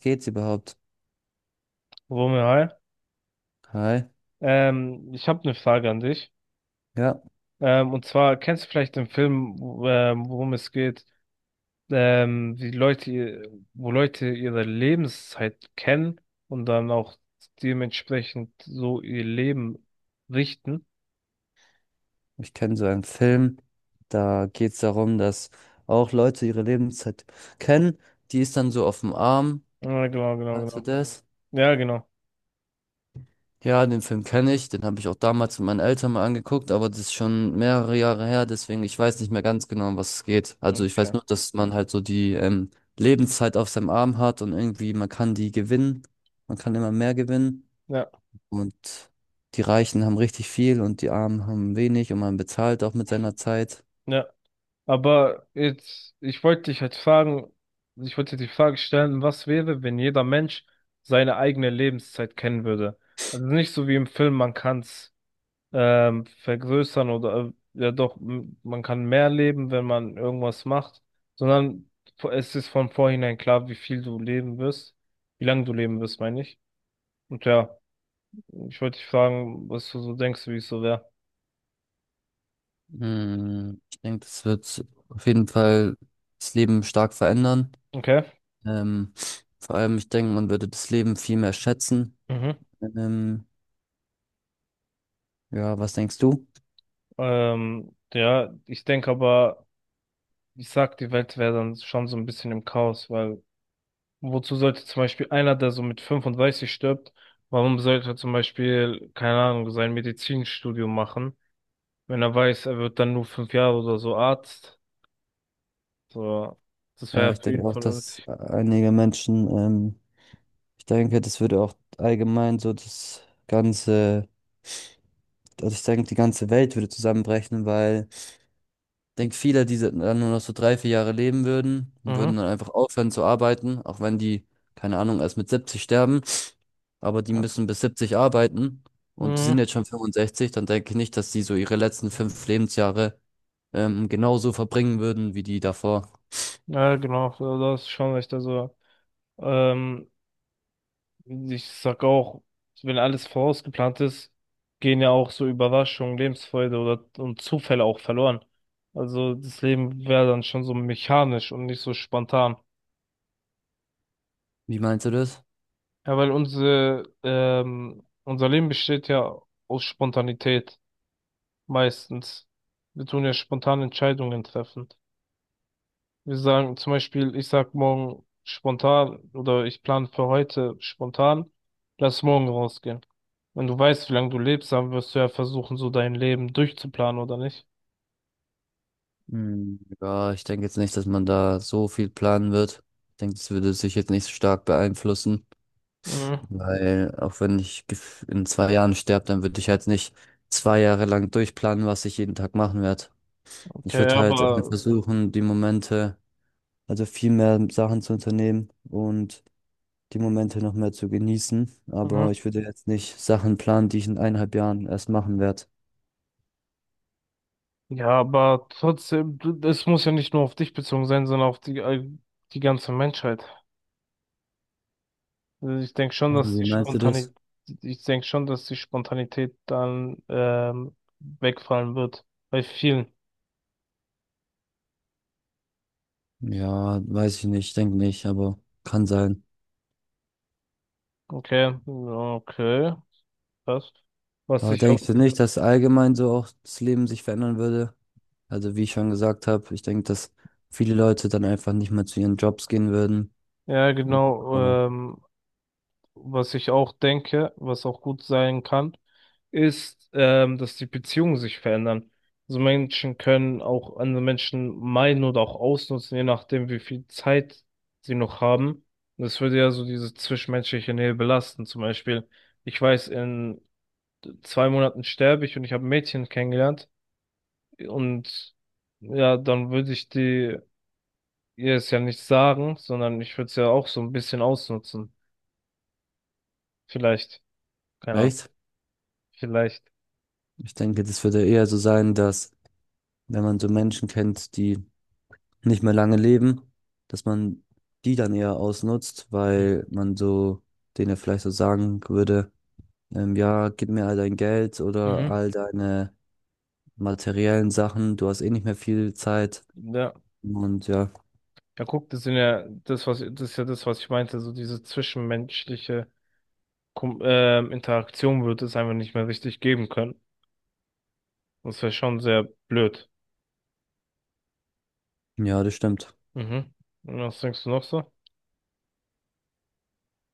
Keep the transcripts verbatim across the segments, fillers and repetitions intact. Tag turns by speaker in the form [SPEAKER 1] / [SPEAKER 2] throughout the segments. [SPEAKER 1] Geht's überhaupt?
[SPEAKER 2] Romeo, hi.
[SPEAKER 1] Hi.
[SPEAKER 2] Ähm, ich habe eine Frage an dich.
[SPEAKER 1] Ja,
[SPEAKER 2] Ähm, und zwar kennst du vielleicht den Film, wo- ähm, worum es geht, ähm, wie Leute, ihr- wo Leute ihre Lebenszeit kennen und dann auch dementsprechend so ihr Leben richten?
[SPEAKER 1] ich kenne so einen Film. Da geht's darum, dass auch Leute ihre Lebenszeit kennen. Die ist dann so auf dem Arm.
[SPEAKER 2] Ja, genau, genau,
[SPEAKER 1] Hast du
[SPEAKER 2] genau.
[SPEAKER 1] das?
[SPEAKER 2] Ja, genau.
[SPEAKER 1] Ja, den Film kenne ich. Den habe ich auch damals mit meinen Eltern mal angeguckt, aber das ist schon mehrere Jahre her. Deswegen, ich weiß nicht mehr ganz genau, um was es geht. Also ich weiß
[SPEAKER 2] Okay.
[SPEAKER 1] nur, dass man halt so die ähm, Lebenszeit auf seinem Arm hat und irgendwie man kann die gewinnen. Man kann immer mehr gewinnen.
[SPEAKER 2] Ja,
[SPEAKER 1] Und die Reichen haben richtig viel und die Armen haben wenig und man bezahlt auch mit seiner Zeit.
[SPEAKER 2] ja. Aber jetzt, ich wollte dich halt fragen, ich wollte dir die Frage stellen, was wäre, wenn jeder Mensch seine eigene Lebenszeit kennen würde? Also nicht so wie im Film, man kann es ähm, vergrößern oder äh, ja doch, m- man kann mehr leben, wenn man irgendwas macht, sondern vo- es ist von vornherein klar, wie viel du leben wirst, wie lange du leben wirst, meine ich. Und ja, ich wollte dich fragen, was du so denkst, wie es so wäre.
[SPEAKER 1] Hm, ich denke, das wird auf jeden Fall das Leben stark verändern.
[SPEAKER 2] Okay.
[SPEAKER 1] Ähm, Vor allem, ich denke, man würde das Leben viel mehr schätzen.
[SPEAKER 2] Mhm.
[SPEAKER 1] Ähm, ja, was denkst du?
[SPEAKER 2] Ähm, ja, ich denke aber. Ich sag, die Welt wäre dann schon so ein bisschen im Chaos, weil wozu sollte zum Beispiel einer, der so mit fünfunddreißig stirbt, warum sollte er zum Beispiel, keine Ahnung, sein Medizinstudium machen, wenn er weiß, er wird dann nur fünf Jahre oder so Arzt? So, das
[SPEAKER 1] Ja,
[SPEAKER 2] wäre
[SPEAKER 1] ich
[SPEAKER 2] für ihn
[SPEAKER 1] denke auch,
[SPEAKER 2] voll.
[SPEAKER 1] dass
[SPEAKER 2] unnötig.
[SPEAKER 1] einige Menschen, ähm, ich denke, das würde auch allgemein so das ganze, also ich denke, die ganze Welt würde zusammenbrechen, weil denke, viele, die dann nur noch so drei, vier Jahre leben würden, würden
[SPEAKER 2] Mhm.
[SPEAKER 1] dann einfach aufhören zu arbeiten, auch wenn die, keine Ahnung, erst mit siebzig sterben. Aber die
[SPEAKER 2] Ja.
[SPEAKER 1] müssen bis siebzig arbeiten und die
[SPEAKER 2] Mhm.
[SPEAKER 1] sind jetzt schon fünfundsechzig, dann denke ich nicht, dass die so ihre letzten fünf Lebensjahre ähm, genauso verbringen würden wie die davor.
[SPEAKER 2] Ja, genau, so, das ist schon echt. Also, ähm, ich sag auch, wenn alles vorausgeplant ist, gehen ja auch so Überraschungen, Lebensfreude oder und Zufälle auch verloren. Also das Leben wäre dann schon so mechanisch und nicht so spontan.
[SPEAKER 1] Wie meinst du das?
[SPEAKER 2] Ja, weil unsere, ähm, unser Leben besteht ja aus Spontanität meistens. Wir tun ja spontan Entscheidungen treffen. Wir sagen zum Beispiel, ich sag morgen spontan oder ich plane für heute spontan, lass morgen rausgehen. Wenn du weißt, wie lange du lebst, dann wirst du ja versuchen, so dein Leben durchzuplanen, oder nicht?
[SPEAKER 1] Hm, ja, ich denke jetzt nicht, dass man da so viel planen wird. Ich denke, das würde sich jetzt nicht so stark beeinflussen.
[SPEAKER 2] Mhm.
[SPEAKER 1] Weil auch wenn ich gef- in zwei Jahren sterbe, dann würde ich halt nicht zwei Jahre lang durchplanen, was ich jeden Tag machen werde. Ich
[SPEAKER 2] Okay,
[SPEAKER 1] würde halt äh,
[SPEAKER 2] aber
[SPEAKER 1] versuchen, die Momente, also viel mehr Sachen zu unternehmen und die Momente noch mehr zu genießen. Aber
[SPEAKER 2] mhm.
[SPEAKER 1] ich würde jetzt nicht Sachen planen, die ich in eineinhalb Jahren erst machen werde.
[SPEAKER 2] Ja, aber trotzdem, du- das muss ja nicht nur auf dich bezogen sein, sondern auf die, all- die ganze Menschheit. Also ich denke schon, dass
[SPEAKER 1] Wie
[SPEAKER 2] die
[SPEAKER 1] meinst du das?
[SPEAKER 2] Spontanität, ich denke schon, dass die Spontanität dann ähm, wegfallen wird. Bei vielen.
[SPEAKER 1] Ja, weiß ich nicht, denke nicht, aber kann sein.
[SPEAKER 2] Okay, ja, okay. Passt. Was
[SPEAKER 1] Aber
[SPEAKER 2] ich auch,
[SPEAKER 1] denkst du nicht, dass allgemein so auch das Leben sich verändern würde? Also wie ich schon gesagt habe, ich denke, dass viele Leute dann einfach nicht mehr zu ihren Jobs gehen würden.
[SPEAKER 2] ja
[SPEAKER 1] Oh,
[SPEAKER 2] genau, ähm, was ich auch denke, was auch gut sein kann, ist, ähm, dass die Beziehungen sich verändern. Also Menschen können auch andere Menschen meiden oder auch ausnutzen, je nachdem, wie viel Zeit sie noch haben. Und das würde ja so diese zwischenmenschliche Nähe belasten. Zum Beispiel, ich weiß, in zwei Monaten sterbe ich und ich habe ein Mädchen kennengelernt und ja, dann würde ich die ihr es ja nicht sagen, sondern ich würde es ja auch so ein bisschen ausnutzen. Vielleicht. Keine Ahnung.
[SPEAKER 1] echt?
[SPEAKER 2] Vielleicht.
[SPEAKER 1] Ich denke, das würde eher so sein, dass wenn man so Menschen kennt, die nicht mehr lange leben, dass man die dann eher ausnutzt, weil man so denen vielleicht so sagen würde, ähm, ja, gib mir all dein Geld oder
[SPEAKER 2] Mhm.
[SPEAKER 1] all deine materiellen Sachen, du hast eh nicht mehr viel Zeit.
[SPEAKER 2] Ja.
[SPEAKER 1] Und ja,
[SPEAKER 2] Ja, guck, das sind ja das, was das ist ja das, was ich meinte, so diese zwischenmenschliche Kom ähm, Interaktion wird es einfach nicht mehr richtig geben können. Das wäre schon sehr blöd.
[SPEAKER 1] ja, das stimmt.
[SPEAKER 2] Mhm. Und was denkst du noch so?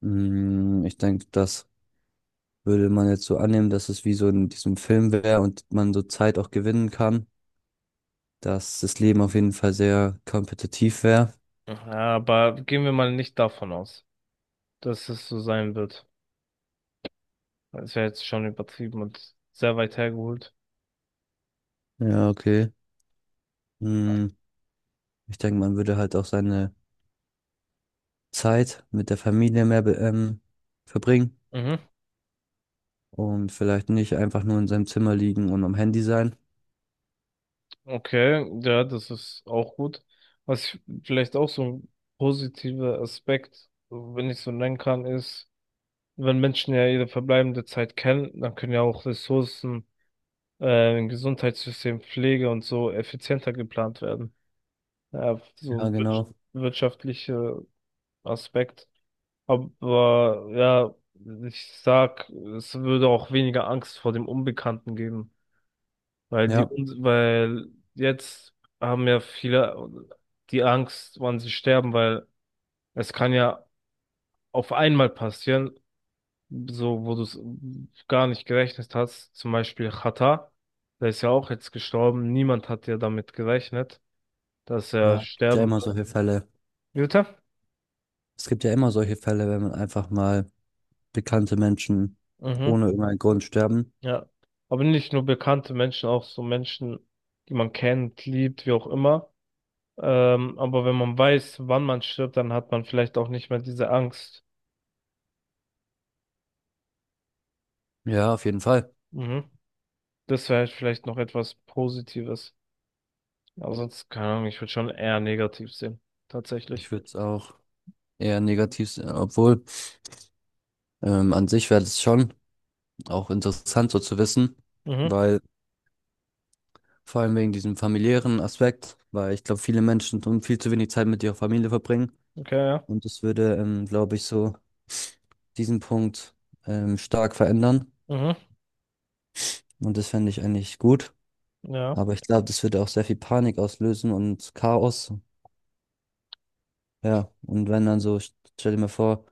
[SPEAKER 1] Mm, ich denke, das würde man jetzt so annehmen, dass es wie so in diesem Film wäre und man so Zeit auch gewinnen kann, dass das Leben auf jeden Fall sehr kompetitiv wäre.
[SPEAKER 2] Ja, aber gehen wir mal nicht davon aus, dass es so sein wird. Das wäre jetzt schon übertrieben und sehr weit hergeholt.
[SPEAKER 1] Ja, okay. Mm, ich denke, man würde halt auch seine Zeit mit der Familie mehr be- ähm, verbringen
[SPEAKER 2] Mhm.
[SPEAKER 1] und vielleicht nicht einfach nur in seinem Zimmer liegen und am Handy sein.
[SPEAKER 2] Okay, ja, das ist auch gut. Was ich, vielleicht auch so ein positiver Aspekt, wenn ich so nennen kann, ist, wenn Menschen ja ihre verbleibende Zeit kennen, dann können ja auch Ressourcen, äh, im Gesundheitssystem, Pflege und so effizienter geplant werden. Ja, so
[SPEAKER 1] Ja,
[SPEAKER 2] ein wir
[SPEAKER 1] genau.
[SPEAKER 2] wirtschaftlicher Aspekt. Aber ja, ich sag, es würde auch weniger Angst vor dem Unbekannten geben. Weil die,
[SPEAKER 1] Ja,
[SPEAKER 2] Un- weil jetzt haben ja viele die Angst, wann sie sterben, weil es kann ja auf einmal passieren, so wo du es gar nicht gerechnet hast. Zum Beispiel Xatar, der ist ja auch jetzt gestorben. Niemand hat ja damit gerechnet, dass
[SPEAKER 1] ja,
[SPEAKER 2] er
[SPEAKER 1] es gibt ja
[SPEAKER 2] sterben
[SPEAKER 1] immer
[SPEAKER 2] wird.
[SPEAKER 1] solche Fälle.
[SPEAKER 2] Jutta?
[SPEAKER 1] Es gibt ja immer solche Fälle, wenn man einfach mal bekannte Menschen
[SPEAKER 2] Mhm,
[SPEAKER 1] ohne irgendeinen Grund sterben.
[SPEAKER 2] ja. Aber nicht nur bekannte Menschen, auch so Menschen, die man kennt, liebt, wie auch immer. Ähm, aber wenn man weiß, wann man stirbt, dann hat man vielleicht auch nicht mehr diese Angst.
[SPEAKER 1] Ja, auf jeden Fall.
[SPEAKER 2] Mhm. Das wäre vielleicht noch etwas Positives. Aber sonst, keine Ahnung, ich würde schon eher negativ sehen.
[SPEAKER 1] Ich
[SPEAKER 2] Tatsächlich.
[SPEAKER 1] würde es auch eher negativ sehen, obwohl ähm, an sich wäre es schon auch interessant so zu wissen,
[SPEAKER 2] Mhm,
[SPEAKER 1] weil vor allem wegen diesem familiären Aspekt, weil ich glaube, viele Menschen tun viel zu wenig Zeit mit ihrer Familie verbringen
[SPEAKER 2] okay, ja.
[SPEAKER 1] und das würde, ähm, glaube ich, so diesen Punkt ähm, stark verändern
[SPEAKER 2] Mhm,
[SPEAKER 1] und das fände ich eigentlich gut,
[SPEAKER 2] ja,
[SPEAKER 1] aber ich glaube, das würde auch sehr viel Panik auslösen und Chaos, ja, und wenn dann so, stell dir mal vor,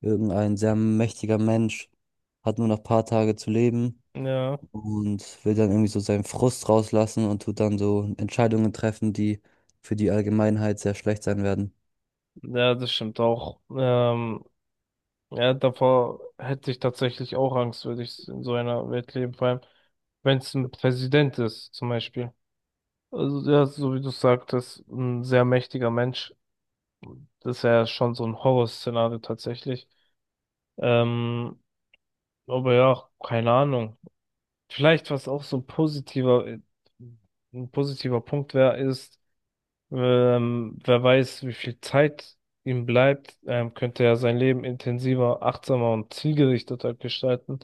[SPEAKER 1] irgendein sehr mächtiger Mensch hat nur noch ein paar Tage zu leben
[SPEAKER 2] ja.
[SPEAKER 1] und will dann irgendwie so seinen Frust rauslassen und tut dann so Entscheidungen treffen, die für die Allgemeinheit sehr schlecht sein werden.
[SPEAKER 2] Ja, das stimmt auch. Ähm, ja, davor hätte ich tatsächlich auch Angst, würde ich in so einer Welt leben. Vor allem, wenn es ein Präsident ist, zum Beispiel. Also, ja, so wie du sagtest, ein sehr mächtiger Mensch. Das wäre schon so ein Horrorszenario tatsächlich. Ähm, aber ja, keine Ahnung. Vielleicht, was auch so ein positiver, äh, ein positiver Punkt wäre, ist, ähm, wer weiß, wie viel Zeit ihm bleibt, ähm, könnte er sein Leben intensiver, achtsamer und zielgerichteter gestalten.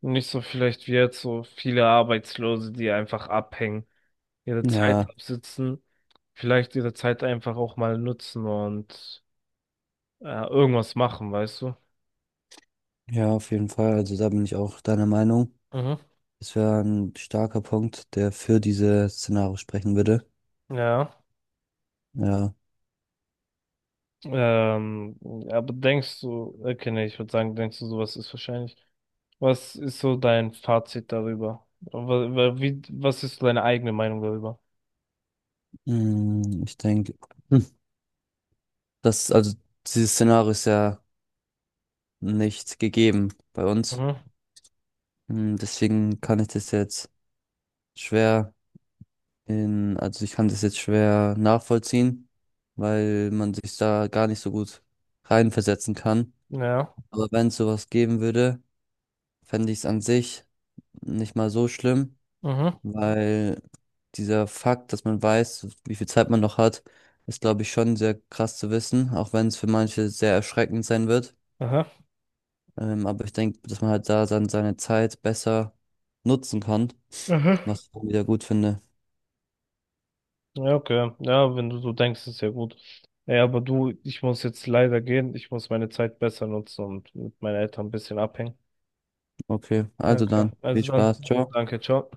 [SPEAKER 2] Und nicht so vielleicht wie jetzt so viele Arbeitslose, die einfach abhängen, ihre Zeit
[SPEAKER 1] Ja,
[SPEAKER 2] absitzen, vielleicht ihre Zeit einfach auch mal nutzen und äh, irgendwas machen, weißt du?
[SPEAKER 1] ja, auf jeden Fall. Also da bin ich auch deiner Meinung.
[SPEAKER 2] Mhm.
[SPEAKER 1] Das wäre ein starker Punkt, der für diese Szenario sprechen würde.
[SPEAKER 2] Ja.
[SPEAKER 1] Ja,
[SPEAKER 2] Ähm, aber denkst du, okay, nee, Ich würde sagen, denkst du, sowas ist wahrscheinlich. Was ist so dein Fazit darüber? Wa- wa- Wie, was ist so deine eigene Meinung darüber?
[SPEAKER 1] mm, ich denke, hm, das, also dieses Szenario ist ja nicht gegeben bei uns.
[SPEAKER 2] Mhm.
[SPEAKER 1] Hm, deswegen kann ich das jetzt schwer In, also ich kann das jetzt schwer nachvollziehen, weil man sich da gar nicht so gut reinversetzen kann.
[SPEAKER 2] Ja.
[SPEAKER 1] Aber wenn es sowas geben würde, fände ich es an sich nicht mal so schlimm,
[SPEAKER 2] Mhm.
[SPEAKER 1] weil dieser Fakt, dass man weiß, wie viel Zeit man noch hat, ist, glaube ich, schon sehr krass zu wissen, auch wenn es für manche sehr erschreckend sein wird.
[SPEAKER 2] Aha.
[SPEAKER 1] Ähm, aber ich denke, dass man halt da dann seine Zeit besser nutzen kann,
[SPEAKER 2] Aha.
[SPEAKER 1] was ich dann wieder gut finde.
[SPEAKER 2] Ja, okay. Ja, wenn du so denkst, ist ja gut. Ja, aber du, ich muss jetzt leider gehen. Ich muss meine Zeit besser nutzen und mit meinen Eltern ein bisschen abhängen.
[SPEAKER 1] Okay, also
[SPEAKER 2] Okay,
[SPEAKER 1] dann, viel
[SPEAKER 2] also dann,
[SPEAKER 1] Spaß, ciao.
[SPEAKER 2] danke, ciao.